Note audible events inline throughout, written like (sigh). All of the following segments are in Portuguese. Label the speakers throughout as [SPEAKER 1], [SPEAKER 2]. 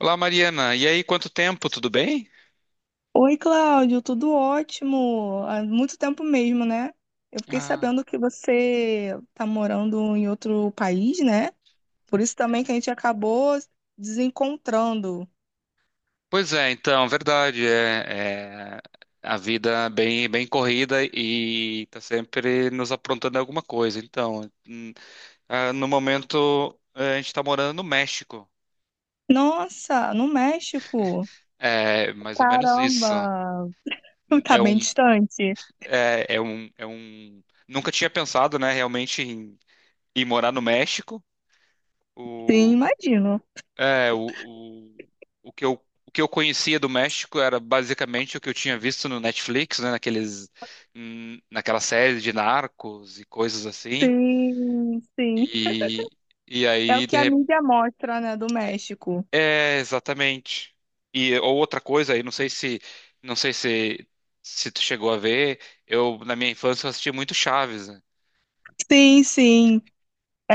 [SPEAKER 1] Olá, Mariana. E aí, quanto tempo? Tudo bem?
[SPEAKER 2] Oi, Cláudio, tudo ótimo. Há muito tempo mesmo, né? Eu fiquei
[SPEAKER 1] Ah,
[SPEAKER 2] sabendo que você está morando em outro país, né? Por isso também que a gente acabou desencontrando.
[SPEAKER 1] pois é, então, verdade. É, a vida é bem corrida e tá sempre nos aprontando alguma coisa. Então, no momento, a gente tá morando no México.
[SPEAKER 2] Nossa, no México.
[SPEAKER 1] É mais ou menos isso.
[SPEAKER 2] Caramba, (laughs) tá
[SPEAKER 1] É um,
[SPEAKER 2] bem distante.
[SPEAKER 1] é, é um, é um... Nunca tinha pensado, né, realmente em morar no México.
[SPEAKER 2] Sim,
[SPEAKER 1] O...
[SPEAKER 2] imagino.
[SPEAKER 1] É, o, o, o que eu conhecia do México era basicamente o que eu tinha visto no Netflix, né, naquela série de narcos e coisas assim.
[SPEAKER 2] Sim, sim.
[SPEAKER 1] E, e
[SPEAKER 2] É o
[SPEAKER 1] aí, de
[SPEAKER 2] que a
[SPEAKER 1] rep...
[SPEAKER 2] mídia mostra, né, do México.
[SPEAKER 1] É, exatamente. E ou outra coisa aí, não sei se, se tu chegou a ver, eu, na minha infância, eu assisti muito Chaves, né?
[SPEAKER 2] Sim, sim.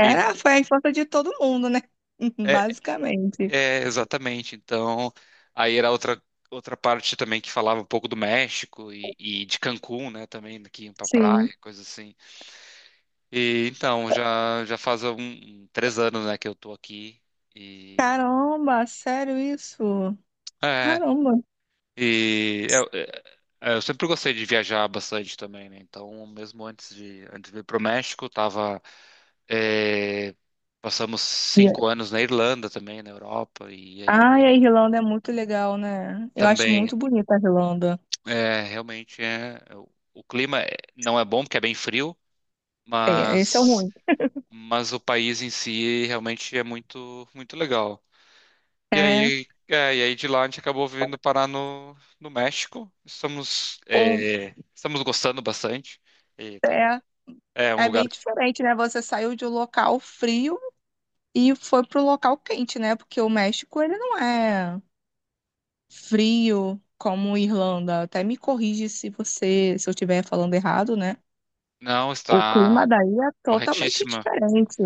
[SPEAKER 1] E-
[SPEAKER 2] foi a infância de todo mundo, né? (laughs)
[SPEAKER 1] é,
[SPEAKER 2] Basicamente.
[SPEAKER 1] Exatamente. Então, aí era outra, outra parte também que falava um pouco do México e de Cancún, né, também, que iam pra
[SPEAKER 2] Sim.
[SPEAKER 1] praia, coisa assim. E então, já faz três anos, né, que eu tô aqui e...
[SPEAKER 2] Caramba, sério isso?
[SPEAKER 1] É,
[SPEAKER 2] Caramba.
[SPEAKER 1] e eu, eu sempre gostei de viajar bastante também, né, então mesmo antes de ir pro México, é, passamos
[SPEAKER 2] E-
[SPEAKER 1] cinco anos na Irlanda também, na Europa, e aí
[SPEAKER 2] Ai, a
[SPEAKER 1] agora
[SPEAKER 2] Irlanda é muito legal, né? Eu acho
[SPEAKER 1] também...
[SPEAKER 2] muito bonita a Irlanda.
[SPEAKER 1] É, realmente é. O clima não é bom porque é bem frio,
[SPEAKER 2] É, esse é o
[SPEAKER 1] mas
[SPEAKER 2] ruim.
[SPEAKER 1] o país em si realmente é muito legal.
[SPEAKER 2] É,
[SPEAKER 1] E aí de lá a gente acabou vindo parar no México.
[SPEAKER 2] um,
[SPEAKER 1] Estamos gostando bastante. E tá um-
[SPEAKER 2] é,
[SPEAKER 1] é um
[SPEAKER 2] é
[SPEAKER 1] lugar
[SPEAKER 2] bem diferente, né? Você saiu de um local frio e foi para o local quente, né? Porque o México, ele não é frio como Irlanda. Até me corrige se você, se eu estiver falando errado, né?
[SPEAKER 1] não
[SPEAKER 2] O
[SPEAKER 1] está
[SPEAKER 2] clima daí é totalmente
[SPEAKER 1] corretíssima.
[SPEAKER 2] diferente.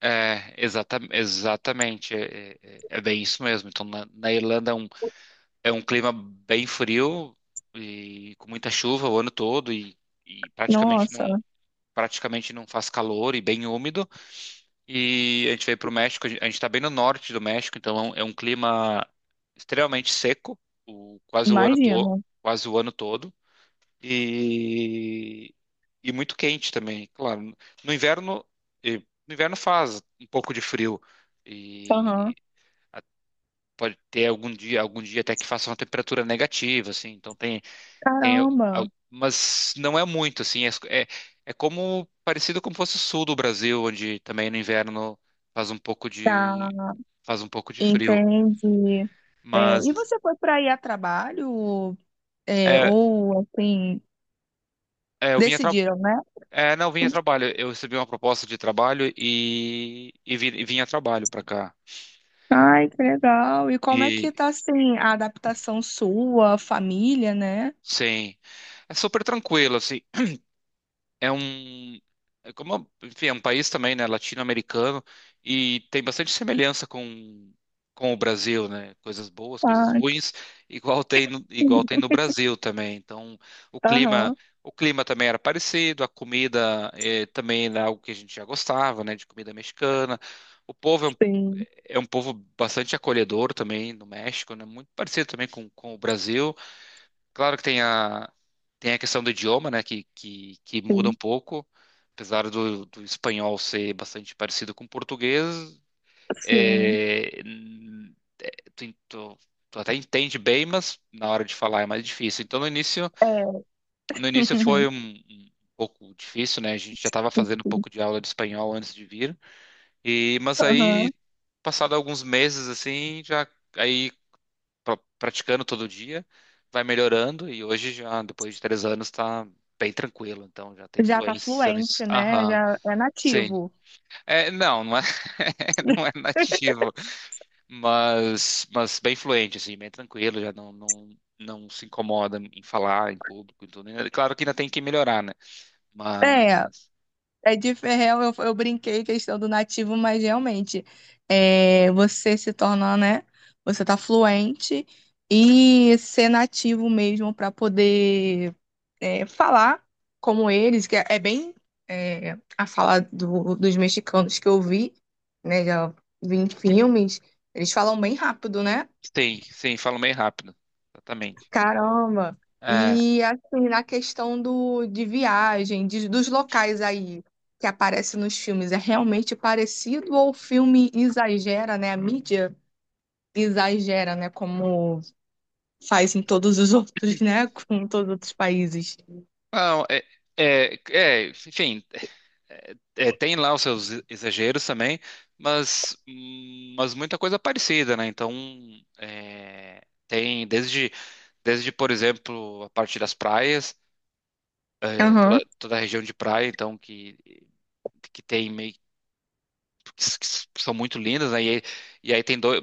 [SPEAKER 1] Exatamente. É bem isso mesmo. Então na Irlanda é um É um clima bem frio e com muita chuva o ano todo e praticamente
[SPEAKER 2] Nossa,
[SPEAKER 1] não praticamente não faz calor e bem úmido. E a gente veio para o México, a gente está bem no norte do México, então é é um clima extremamente seco, quase o ano todo,
[SPEAKER 2] imagino.
[SPEAKER 1] quase o ano todo e, e muito quente também. Claro, no inverno no inverno faz um pouco de frio e
[SPEAKER 2] Aham.
[SPEAKER 1] a- pode ter algum dia até que faça uma temperatura negativa, assim, então tem,
[SPEAKER 2] Caramba.
[SPEAKER 1] mas não é muito, assim, é como parecido como fosse o sul do Brasil, onde também no inverno faz um pouco
[SPEAKER 2] Tá,
[SPEAKER 1] de faz um pouco de frio.
[SPEAKER 2] entendi. É,
[SPEAKER 1] Mas
[SPEAKER 2] e você foi para ir a trabalho, é,
[SPEAKER 1] é,
[SPEAKER 2] ou assim,
[SPEAKER 1] é, eu vinha tra-
[SPEAKER 2] decidiram, né?
[SPEAKER 1] é, não, eu vim a trabalho. Eu recebi uma proposta de trabalho e vim a trabalho para cá.
[SPEAKER 2] Ai, que legal. E como é
[SPEAKER 1] E
[SPEAKER 2] que tá assim a adaptação sua, família, né?
[SPEAKER 1] sim, é super tranquilo, assim. É um é como enfim, é um país também, né, latino-americano e tem bastante semelhança com o Brasil, né? Coisas boas, coisas
[SPEAKER 2] Ah, que...
[SPEAKER 1] ruins, igual tem
[SPEAKER 2] legal.
[SPEAKER 1] no Brasil também. Então, o clima
[SPEAKER 2] Aham,
[SPEAKER 1] o clima também era parecido, a comida também era algo que a gente já gostava, né, de comida mexicana. O povo
[SPEAKER 2] sim,
[SPEAKER 1] é um povo bastante acolhedor também no México, né? Muito parecido também com o Brasil. Claro que tem a questão do idioma, né, que muda um
[SPEAKER 2] sim,
[SPEAKER 1] pouco, apesar do espanhol ser bastante parecido com o português,
[SPEAKER 2] sim.
[SPEAKER 1] é, n- tu, tu, tu até entende bem, mas na hora de falar é mais difícil. Então,
[SPEAKER 2] É.
[SPEAKER 1] no início foi um pouco difícil, né, a gente já estava fazendo um pouco de
[SPEAKER 2] (laughs)
[SPEAKER 1] aula de espanhol antes de vir, mas aí,
[SPEAKER 2] Aham.
[SPEAKER 1] passado alguns meses, assim, já... aí praticando todo dia, vai melhorando e hoje já, depois de três anos, tá bem tranquilo. Então já tem
[SPEAKER 2] Já tá
[SPEAKER 1] fluência nisso.
[SPEAKER 2] fluente, né?
[SPEAKER 1] Aham,
[SPEAKER 2] Já é
[SPEAKER 1] sim.
[SPEAKER 2] nativo.
[SPEAKER 1] Não é, (laughs) não é
[SPEAKER 2] (laughs)
[SPEAKER 1] nativo, mas bem fluente, assim, bem tranquilo, já não, não, não se incomoda em falar em público e tudo. Né? Claro que ainda tem que melhorar, né?
[SPEAKER 2] É,
[SPEAKER 1] Mas
[SPEAKER 2] É de ferrão, eu brinquei questão do nativo, mas realmente é, você se torna, né? Você tá fluente e ser nativo mesmo para poder é, falar como eles, que é, é bem é, a fala do- dos mexicanos que eu vi, né? Já vi em filmes, eles falam bem rápido, né?
[SPEAKER 1] sim, sim, falo meio rápido. Exatamente.
[SPEAKER 2] Caramba!
[SPEAKER 1] É,
[SPEAKER 2] E assim, na questão do, de viagem, de- dos locais aí que aparecem nos filmes, é realmente parecido ou o filme exagera, né? A mídia exagera, né? Como faz em todos os outros, né? (laughs) Com todos os outros países.
[SPEAKER 1] não, é, é, é, enfim, É, tem lá os seus exageros também, mas muita coisa é parecida, né? Então, é, tem desde, desde, por exemplo, a parte das praias,
[SPEAKER 2] Aham,
[SPEAKER 1] toda a região de praia, então, que tem meio que s- são muito lindas, né? E aí tem dois,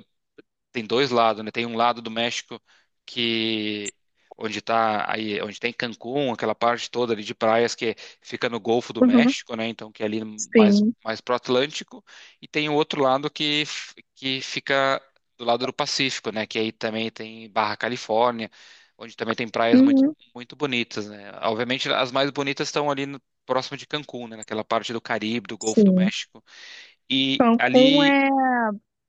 [SPEAKER 1] tem dois lados, né? Tem um lado do México que onde tá aí, onde tem Cancún, aquela parte toda ali de praias que fica no Golfo do
[SPEAKER 2] uhum,
[SPEAKER 1] México, né? Então que é ali
[SPEAKER 2] sim,
[SPEAKER 1] mais pro Atlântico, e tem o outro lado que fica do lado do Pacífico, né? Que aí também tem Barra Califórnia, onde também tem praias
[SPEAKER 2] uhum,
[SPEAKER 1] muito bonitas, né? Obviamente as mais bonitas estão ali no- próximo de Cancún, né? Naquela parte do Caribe, do Golfo do
[SPEAKER 2] sim.
[SPEAKER 1] México. E
[SPEAKER 2] Cancún
[SPEAKER 1] ali
[SPEAKER 2] é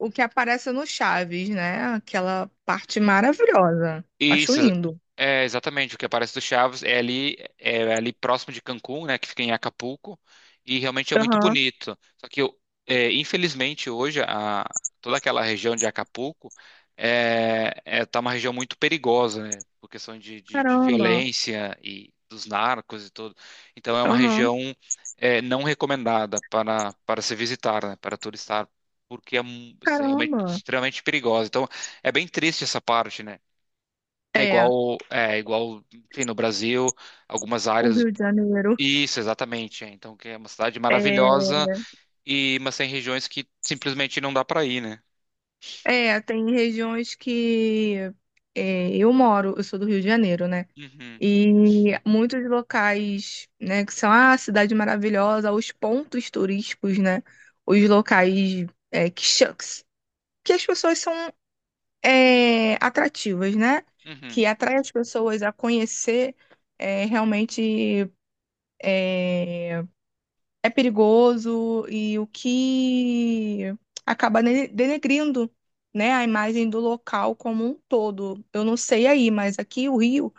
[SPEAKER 2] o que aparece no Chaves, né? Aquela parte maravilhosa. Acho
[SPEAKER 1] Isso,
[SPEAKER 2] lindo.
[SPEAKER 1] é exatamente o que aparece do Chaves. É ali próximo de Cancún, né, que fica em Acapulco, e realmente é muito
[SPEAKER 2] Aham,
[SPEAKER 1] bonito. Só que, infelizmente, toda aquela região de Acapulco tá uma região muito perigosa, né, por questão de
[SPEAKER 2] caramba,
[SPEAKER 1] violência e dos narcos e tudo. Então, é uma
[SPEAKER 2] aham,
[SPEAKER 1] região não recomendada para se visitar, né, para turistar, porque realmente
[SPEAKER 2] caramba.
[SPEAKER 1] extremamente perigosa. Então, é bem triste essa parte, né?
[SPEAKER 2] É,
[SPEAKER 1] É igual, enfim, no Brasil, algumas
[SPEAKER 2] o
[SPEAKER 1] áreas.
[SPEAKER 2] Rio de Janeiro.
[SPEAKER 1] Isso, exatamente. É. Então, que é uma cidade
[SPEAKER 2] É,
[SPEAKER 1] maravilhosa e mas tem regiões que simplesmente não dá para ir, né?
[SPEAKER 2] é, tem regiões que é, eu moro, eu sou do Rio de Janeiro, né?
[SPEAKER 1] Uhum,
[SPEAKER 2] E muitos locais, né, que são a cidade maravilhosa, os pontos turísticos, né? Os locais é, que, cha- que as pessoas são é, atrativas, né?
[SPEAKER 1] uhum.
[SPEAKER 2] Que atrai as pessoas a conhecer é, realmente é, é perigoso e o que acaba ne- denegrindo, né, a imagem do local como um todo. Eu não sei aí, mas aqui o Rio,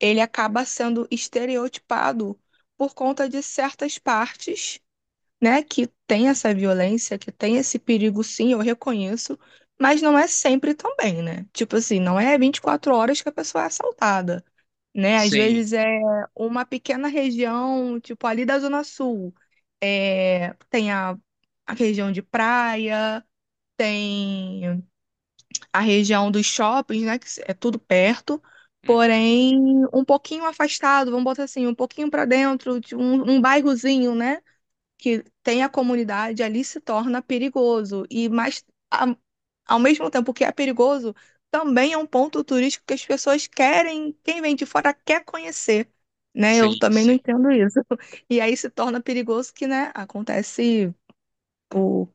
[SPEAKER 2] ele acaba sendo estereotipado por conta de certas partes, né, que tem essa violência, que tem esse perigo, sim, eu reconheço, mas não é sempre também, né? Tipo assim, não é 24 horas que a pessoa é assaltada né? Às
[SPEAKER 1] Sim,
[SPEAKER 2] vezes é uma pequena região, tipo ali da Zona Sul, é, tem a região de praia, tem a região dos shoppings, né? Que é tudo perto,
[SPEAKER 1] uhum,
[SPEAKER 2] porém um pouquinho afastado, vamos botar assim, um pouquinho para dentro, de um bairrozinho, né? que tem a comunidade ali se torna perigoso. E mais a- ao mesmo tempo que é perigoso, também é um ponto turístico que as pessoas querem, quem vem de fora quer conhecer, né? Eu
[SPEAKER 1] sim,
[SPEAKER 2] também não
[SPEAKER 1] sim.
[SPEAKER 2] entendo isso. (laughs) E aí se torna perigoso que, né, acontece o,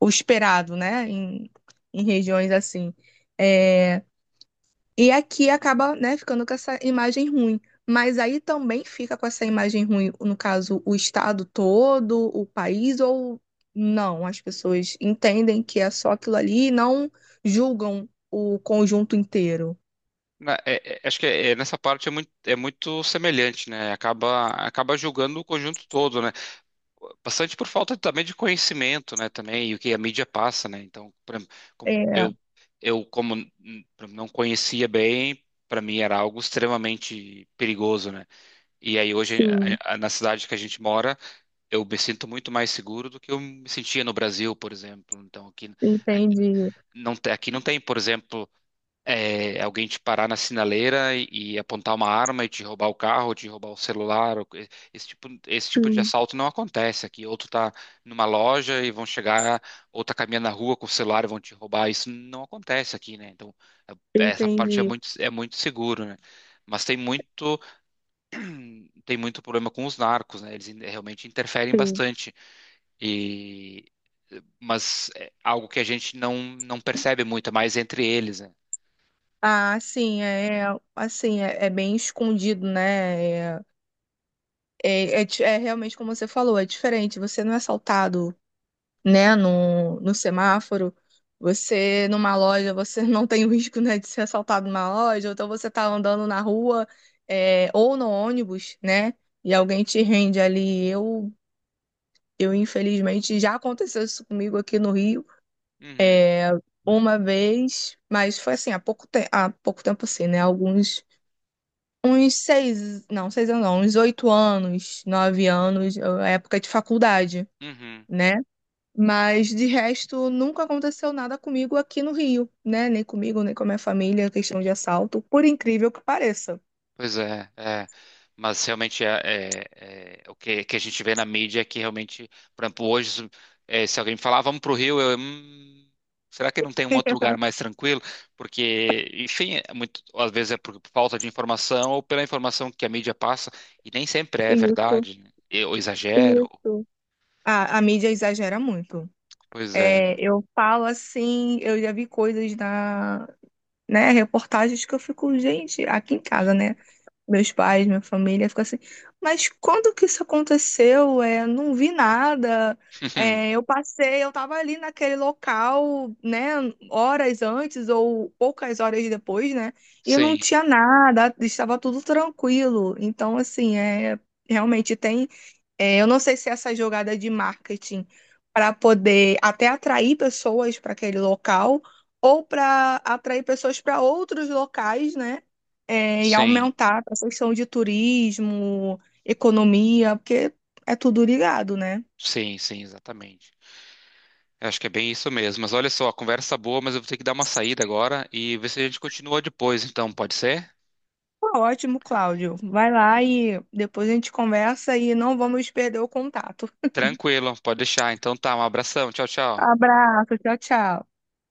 [SPEAKER 2] o esperado, né, em, em regiões assim. É, e aqui acaba, né, ficando com essa imagem ruim. Mas aí também fica com essa imagem ruim, no caso, o estado todo, o país, ou não? As pessoas entendem que é só aquilo ali e não julgam o conjunto inteiro.
[SPEAKER 1] Acho que nessa parte é muito semelhante, né? Acaba julgando o conjunto todo, né? Bastante por falta também de conhecimento, né, também, e o que a mídia passa, né? Então, pra- como
[SPEAKER 2] É,
[SPEAKER 1] eu como pra- não conhecia bem, para mim era algo extremamente perigoso, né? E aí hoje
[SPEAKER 2] sim,
[SPEAKER 1] na cidade que a gente mora, eu me sinto muito mais seguro do que eu me sentia no Brasil, por exemplo. Então, aqui
[SPEAKER 2] entendi.
[SPEAKER 1] aqui não tem, por exemplo, alguém te parar na sinaleira e apontar uma arma e te roubar o carro, te roubar o celular, ou co- esse tipo de
[SPEAKER 2] Sim,
[SPEAKER 1] assalto não acontece aqui. Outro tá numa loja e vão chegar, ou tá caminhando na rua com o celular e vão te roubar. Isso não acontece aqui, né? Então, essa parte
[SPEAKER 2] entendi.
[SPEAKER 1] é muito seguro, né? Mas tem muito problema com os narcos, né? Realmente interferem
[SPEAKER 2] Sim.
[SPEAKER 1] bastante. E mas é algo que a gente não percebe muito, é mais entre eles, né?
[SPEAKER 2] Ah, sim, é, assim, é, é bem escondido, né? É realmente como você falou, é diferente. Você não é assaltado né, no semáforo. Você numa loja, você (laughs) não tem o risco, né, de ser assaltado numa loja, ou então você tá andando na rua, é, ou no ônibus, né, e alguém te rende ali. Eu infelizmente, já aconteceu isso comigo aqui no Rio
[SPEAKER 1] Uhum,
[SPEAKER 2] eh, uma vez, mas foi assim, há pouco, te há pouco tempo assim, né? Alguns, uns seis, não, 6 anos não, uns 8 anos, 9 anos, época de faculdade,
[SPEAKER 1] uhum.
[SPEAKER 2] né? Mas de resto, nunca aconteceu nada comigo aqui no Rio, né? Nem comigo, nem com a minha família, questão de assalto, por incrível que pareça.
[SPEAKER 1] Pois é, é. Mas realmente o que, que a gente vê na mídia é que realmente, por exemplo, hoje, se alguém me falar, "Ah, vamos para o Rio, eu, será que não tem um outro
[SPEAKER 2] (laughs)
[SPEAKER 1] lugar mais tranquilo? Porque, enfim, é muito, às vezes é por falta de informação ou pela informação que a mídia passa, e nem sempre é
[SPEAKER 2] Isso,
[SPEAKER 1] verdade, né? Ou exagero.
[SPEAKER 2] isso. A mídia exagera muito.
[SPEAKER 1] Pois é.
[SPEAKER 2] É, eu falo assim, eu já vi coisas na, né, reportagens que eu fico, gente, aqui em casa, né? Meus pais, minha família, ficou assim, mas quando que isso aconteceu? É, não vi nada. É,
[SPEAKER 1] (laughs)
[SPEAKER 2] eu passei, eu tava ali naquele local, né, horas antes ou poucas horas depois, né, e não
[SPEAKER 1] Sim,
[SPEAKER 2] tinha nada, estava tudo tranquilo. Então, assim, é, realmente tem é, eu não sei se essa jogada de marketing para poder até atrair pessoas para aquele local ou para atrair pessoas para outros locais, né? É, e
[SPEAKER 1] sim,
[SPEAKER 2] aumentar a questão de turismo, economia, porque é tudo ligado, né?
[SPEAKER 1] sim, sim, exatamente. Eu acho que é bem isso mesmo. Mas olha só, conversa boa, mas eu vou ter que dar uma saída agora e ver se a gente continua depois, então, pode ser?
[SPEAKER 2] Tá ótimo, Cláudio. Vai lá e depois a gente conversa e não vamos perder o contato.
[SPEAKER 1] Tranquilo, pode deixar. Então tá, um abração. Tchau, tchau.
[SPEAKER 2] Abraço, tchau, tchau.